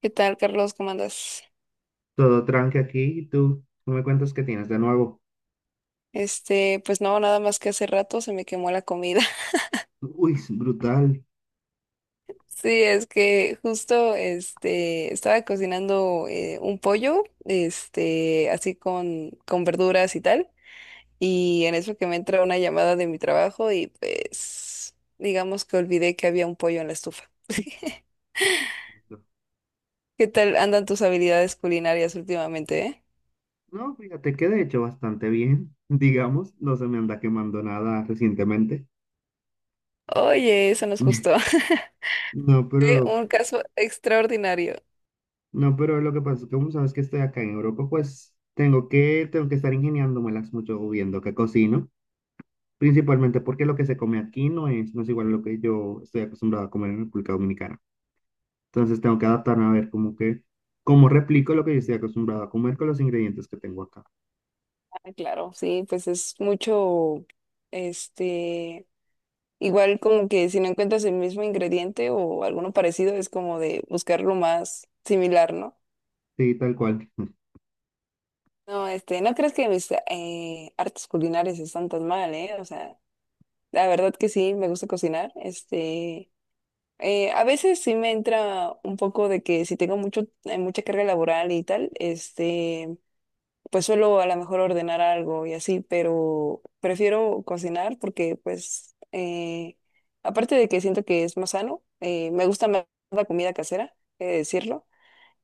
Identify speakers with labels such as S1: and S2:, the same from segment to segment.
S1: ¿Qué tal, Carlos? ¿Cómo andas?
S2: Todo tranque aquí. ¿Y tú? ¿Tú me cuentas qué tienes de nuevo?
S1: Pues no, nada más que hace rato se me quemó la comida.
S2: Uy, es brutal.
S1: Sí, es que justo estaba cocinando un pollo, así con verduras y tal, y en eso que me entra una llamada de mi trabajo y pues digamos que olvidé que había un pollo en la estufa. ¿Qué tal andan tus habilidades culinarias últimamente,
S2: No, fíjate que de hecho bastante bien. Digamos, no se me anda quemando nada recientemente.
S1: Oye, eso nos gustó.
S2: No,
S1: Fue
S2: pero,
S1: un caso extraordinario.
S2: no, pero lo que pasa es que como sabes que estoy acá en Europa, pues tengo que estar ingeniándomelas mucho viendo qué cocino. Principalmente porque lo que se come aquí no es igual a lo que yo estoy acostumbrado a comer en República Dominicana. Entonces tengo que adaptarme a ver como que, cómo replico lo que yo estoy acostumbrado a comer con los ingredientes que tengo acá.
S1: Ah, claro, sí, pues es mucho, este, igual como que si no encuentras el mismo ingrediente o alguno parecido, es como de buscar lo más similar, ¿no?
S2: Sí, tal cual.
S1: No, no crees que mis artes culinarias están tan mal, ¿eh? O sea, la verdad que sí, me gusta cocinar, a veces sí me entra un poco de que si tengo mucha carga laboral y tal, pues suelo a lo mejor ordenar algo y así, pero prefiero cocinar porque aparte de que siento que es más sano, me gusta más la comida casera, he de decirlo,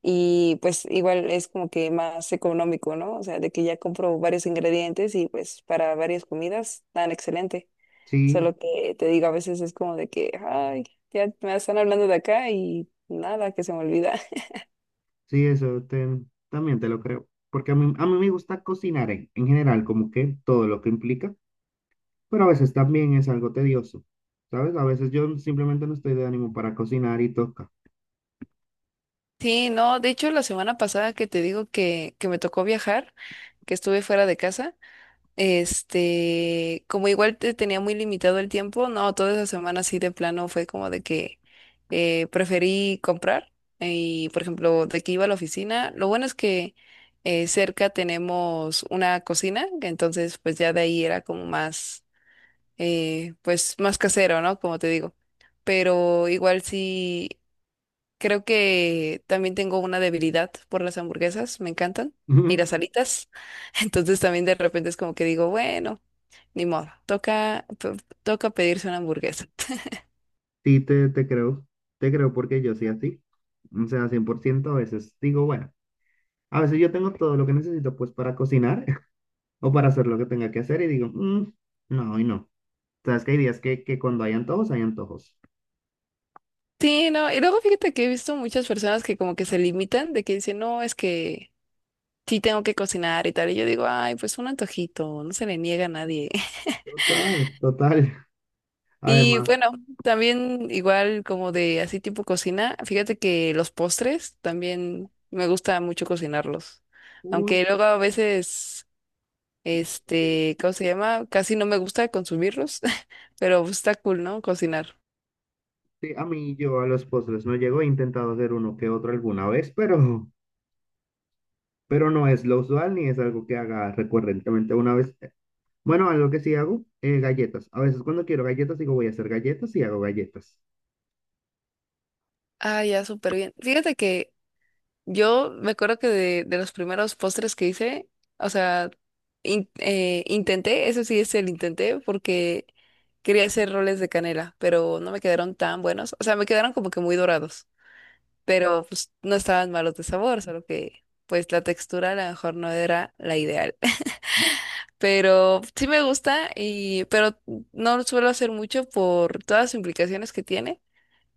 S1: y pues igual es como que más económico, ¿no? O sea, de que ya compro varios ingredientes y pues para varias comidas tan excelente.
S2: Sí,
S1: Solo que te digo, a veces es como de que, ay, ya me están hablando de acá y nada, que se me olvida.
S2: sí, también te lo creo. Porque a mí me gusta cocinar en general, como que todo lo que implica, pero a veces también es algo tedioso, ¿sabes? A veces yo simplemente no estoy de ánimo para cocinar y toca.
S1: Sí, no, de hecho la semana pasada que te digo que me tocó viajar, que estuve fuera de casa, como igual te tenía muy limitado el tiempo, no, toda esa semana sí de plano fue como de que preferí comprar y, por ejemplo, de que iba a la oficina, lo bueno es que cerca tenemos una cocina, entonces pues ya de ahí era como más, pues más casero, ¿no? Como te digo, pero igual sí. Creo que también tengo una debilidad por las hamburguesas, me encantan, y las alitas. Entonces también de repente es como que digo, bueno, ni modo, toca pedirse una hamburguesa.
S2: Sí, te creo porque yo soy así. O sea, 100% a veces digo, bueno, a veces yo tengo todo lo que necesito pues para cocinar o para hacer lo que tenga que hacer y digo, "Mm, no, hoy no. Sabes que hay días que cuando hay antojos, hay antojos.
S1: Sí, no, y luego fíjate que he visto muchas personas que como que se limitan, de que dicen, no, es que sí tengo que cocinar y tal, y yo digo, ay, pues un antojito, no se le niega a nadie.
S2: Total, total.
S1: Y
S2: Además,
S1: bueno, también igual como de así tipo cocina, fíjate que los postres también me gusta mucho cocinarlos.
S2: uy,
S1: Aunque luego a veces,
S2: no llego.
S1: ¿cómo se llama? Casi no me gusta consumirlos, pero está cool, ¿no? Cocinar.
S2: Sí, a mí yo a los postres no llego, he intentado hacer uno que otro alguna vez, pero no es lo usual ni es algo que haga recurrentemente una vez. Bueno, algo que sí hago, galletas. A veces cuando quiero galletas digo voy a hacer galletas y hago galletas.
S1: Ah, ya, súper bien. Fíjate que yo me acuerdo que de los primeros postres que hice, o sea, intenté, eso sí es el intenté, porque quería hacer roles de canela, pero no me quedaron tan buenos. O sea, me quedaron como que muy dorados, pero pues no estaban malos de sabor, solo que pues la textura a lo mejor no era la ideal. Pero sí me gusta y pero no lo suelo hacer mucho por todas las implicaciones que tiene.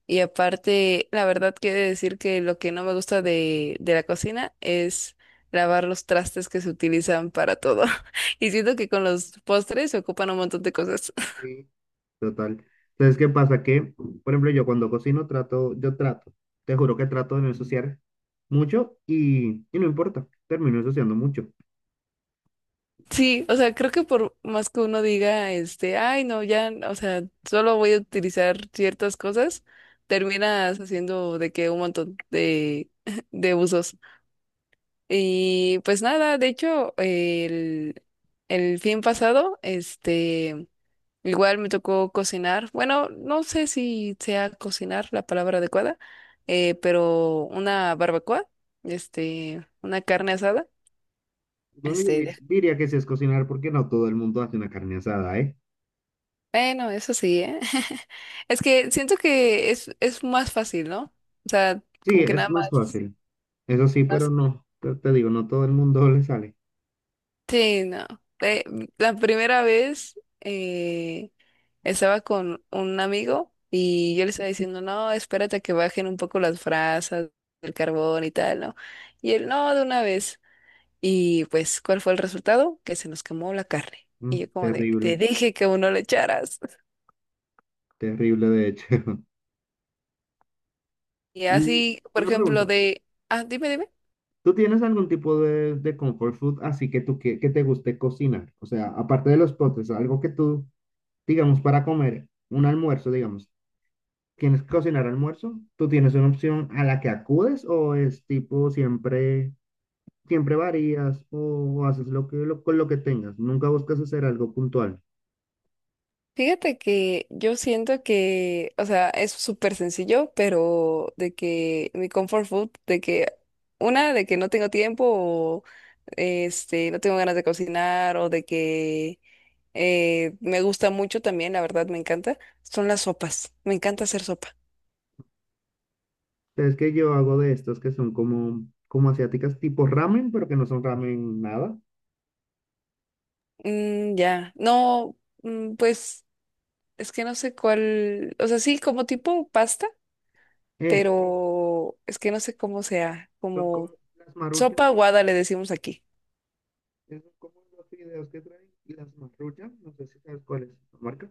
S1: Y aparte, la verdad quiero decir que lo que no me gusta de la cocina es lavar los trastes que se utilizan para todo. Y siento que con los postres se ocupan un montón de cosas.
S2: Sí. Total. Entonces, ¿qué pasa? Que, por ejemplo, yo trato, te juro que trato de no ensuciar mucho y no importa, termino ensuciando mucho.
S1: Sí, o sea, creo que por más que uno diga, ay, no, ya, no, o sea, solo voy a utilizar ciertas cosas, terminas haciendo de que un montón de, de usos. Y pues nada, de hecho, el fin pasado, igual me tocó cocinar. Bueno, no sé si sea cocinar la palabra adecuada, pero una barbacoa, una carne asada,
S2: Bueno,
S1: este, de-
S2: diría que sí es cocinar porque no todo el mundo hace una carne asada, eh.
S1: bueno, eso sí, ¿eh? Es que siento que es más fácil, ¿no? O sea,
S2: Sí,
S1: como que
S2: es
S1: nada
S2: más
S1: más,
S2: fácil. Eso sí, pero
S1: más.
S2: no, te digo, no todo el mundo le sale.
S1: Sí, no. Eh, la primera vez estaba con un amigo y yo le estaba diciendo, no, espérate a que bajen un poco las brasas, el carbón y tal, ¿no? Y él, no, de una vez. Y pues, ¿cuál fue el resultado? Que se nos quemó la carne. Y
S2: Mm,
S1: yo como de, te
S2: terrible,
S1: dije que uno le echaras.
S2: terrible de hecho.
S1: Y
S2: Y
S1: así, por
S2: una
S1: ejemplo,
S2: pregunta,
S1: de, ah, dime, dime.
S2: ¿tú tienes algún tipo de comfort food así que que te guste cocinar? O sea, aparte de los postres, algo que tú, digamos, para comer un almuerzo, digamos, ¿quieres cocinar almuerzo? ¿Tú tienes una opción a la que acudes o es tipo siempre, siempre varías o haces lo con lo que tengas? Nunca buscas hacer algo puntual.
S1: Fíjate que yo siento que, o sea, es súper sencillo, pero de que mi comfort food, de que una, de que no tengo tiempo o no tengo ganas de cocinar o de que me gusta mucho también, la verdad me encanta, son las sopas. Me encanta hacer sopa.
S2: Es que yo hago de estos que son como, como asiáticas, tipo ramen, pero que no son ramen nada.
S1: Mm, ya, no, mm, pues es que no sé cuál, o sea, sí, como tipo pasta,
S2: Eh,
S1: pero es que
S2: sí,
S1: no sé cómo sea,
S2: son
S1: como
S2: como las maruchan,
S1: sopa
S2: que
S1: aguada le decimos aquí.
S2: son como los fideos que traen y las maruchan, no sé si sabes cuál es la marca.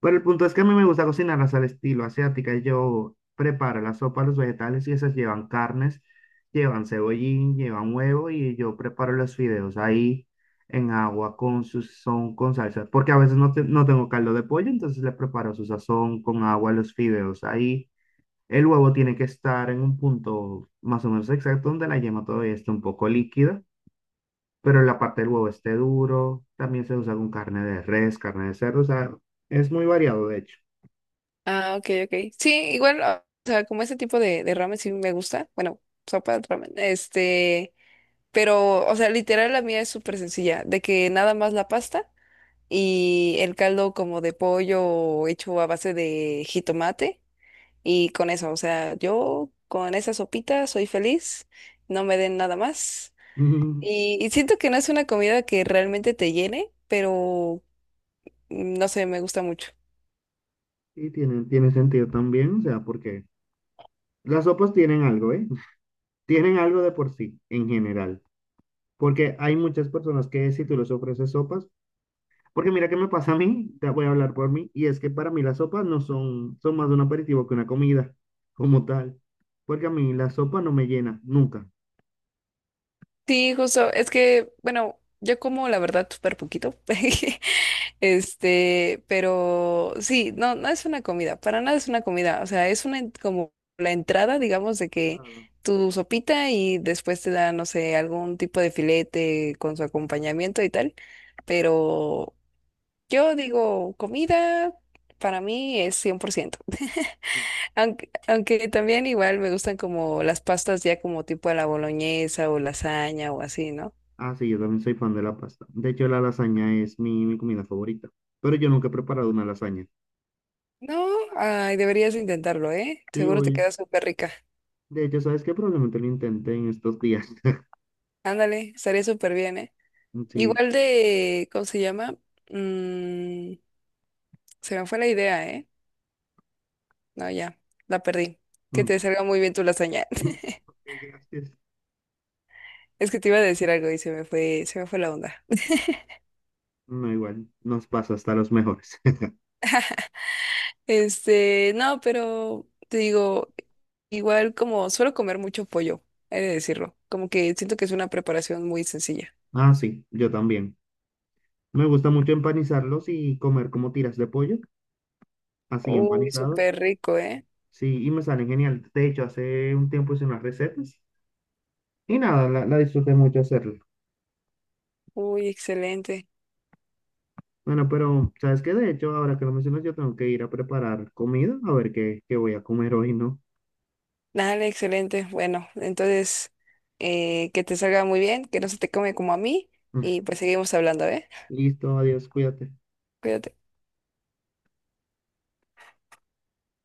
S2: Pero el punto es que a mí me gusta cocinarlas al estilo asiática. Yo preparo la sopa, los vegetales y esas llevan carnes, llevan cebollín, llevan huevo y yo preparo los fideos ahí en agua con su sazón, con salsa. Porque a veces no, no tengo caldo de pollo, entonces le preparo su sazón con agua, los fideos ahí. El huevo tiene que estar en un punto más o menos exacto donde la yema todavía esté un poco líquida, pero la parte del huevo esté duro. También se usa con carne de res, carne de cerdo, o sea, es muy variado de hecho.
S1: Ah, ok, ok. Sí, igual, o sea, como ese tipo de ramen sí me gusta. Bueno, sopa de ramen. Pero, o sea, literal la mía es súper sencilla, de que nada más la pasta y el caldo como de pollo hecho a base de jitomate y con eso, o sea, yo con esa sopita soy feliz, no me den nada más.
S2: Mm,
S1: Y siento que no es una comida que realmente te llene, pero mm, no sé, me gusta mucho.
S2: sí, tiene sentido también, o sea, porque las sopas tienen algo, ¿eh? Tienen algo de por sí, en general. Porque hay muchas personas que si tú les ofreces sopas, porque mira qué me pasa a mí, te voy a hablar por mí, y es que para mí las sopas no son, son más de un aperitivo que una comida, como tal. Porque a mí la sopa no me llena, nunca.
S1: Sí, justo, es que, bueno, yo como la verdad súper poquito, pero sí, no, no es una comida, para nada es una comida, o sea, es una como la entrada, digamos, de que
S2: Entrada.
S1: tu sopita y después te da, no sé, algún tipo de filete con su acompañamiento y tal, pero yo digo, comida para mí es 100%
S2: Mm.
S1: aunque, aunque también igual me gustan como las pastas ya como tipo a la boloñesa o lasaña o así, ¿no?
S2: Ah, sí, yo también soy fan de la pasta. De hecho, la lasaña es mi comida favorita, pero yo nunca he preparado una lasaña.
S1: No, ay, deberías intentarlo, ¿eh?
S2: Sí,
S1: Seguro te
S2: voy.
S1: queda súper rica.
S2: De hecho, ¿sabes qué? Probablemente lo intenté en estos días.
S1: Ándale, estaría súper bien, ¿eh?
S2: Mm, sí.
S1: Igual de, ¿cómo se llama? Mm, se me fue la idea, ¿eh? No, ya, la perdí. Que
S2: Mm.
S1: te salga muy bien tu lasaña.
S2: Mm. Ok, gracias.
S1: Es que te iba a decir algo y se me fue la onda.
S2: No, igual, nos pasa hasta los mejores.
S1: No, pero te digo, igual como suelo comer mucho pollo, he de decirlo. Como que siento que es una preparación muy sencilla.
S2: Ah, sí, yo también. Me gusta mucho empanizarlos y comer como tiras de pollo, así
S1: Uy,
S2: empanizados.
S1: súper rico, ¿eh?
S2: Sí, y me salen genial. De hecho, hace un tiempo hice unas recetas y nada, la disfruté mucho hacerlo.
S1: Uy, excelente.
S2: Bueno, pero ¿sabes qué? De hecho, ahora que lo mencionas, yo tengo que ir a preparar comida, a ver qué voy a comer hoy, ¿no?
S1: Dale, excelente. Bueno, entonces, que te salga muy bien, que no se te come como a mí y pues seguimos hablando, ¿eh?
S2: Listo, adiós, cuídate.
S1: Cuídate.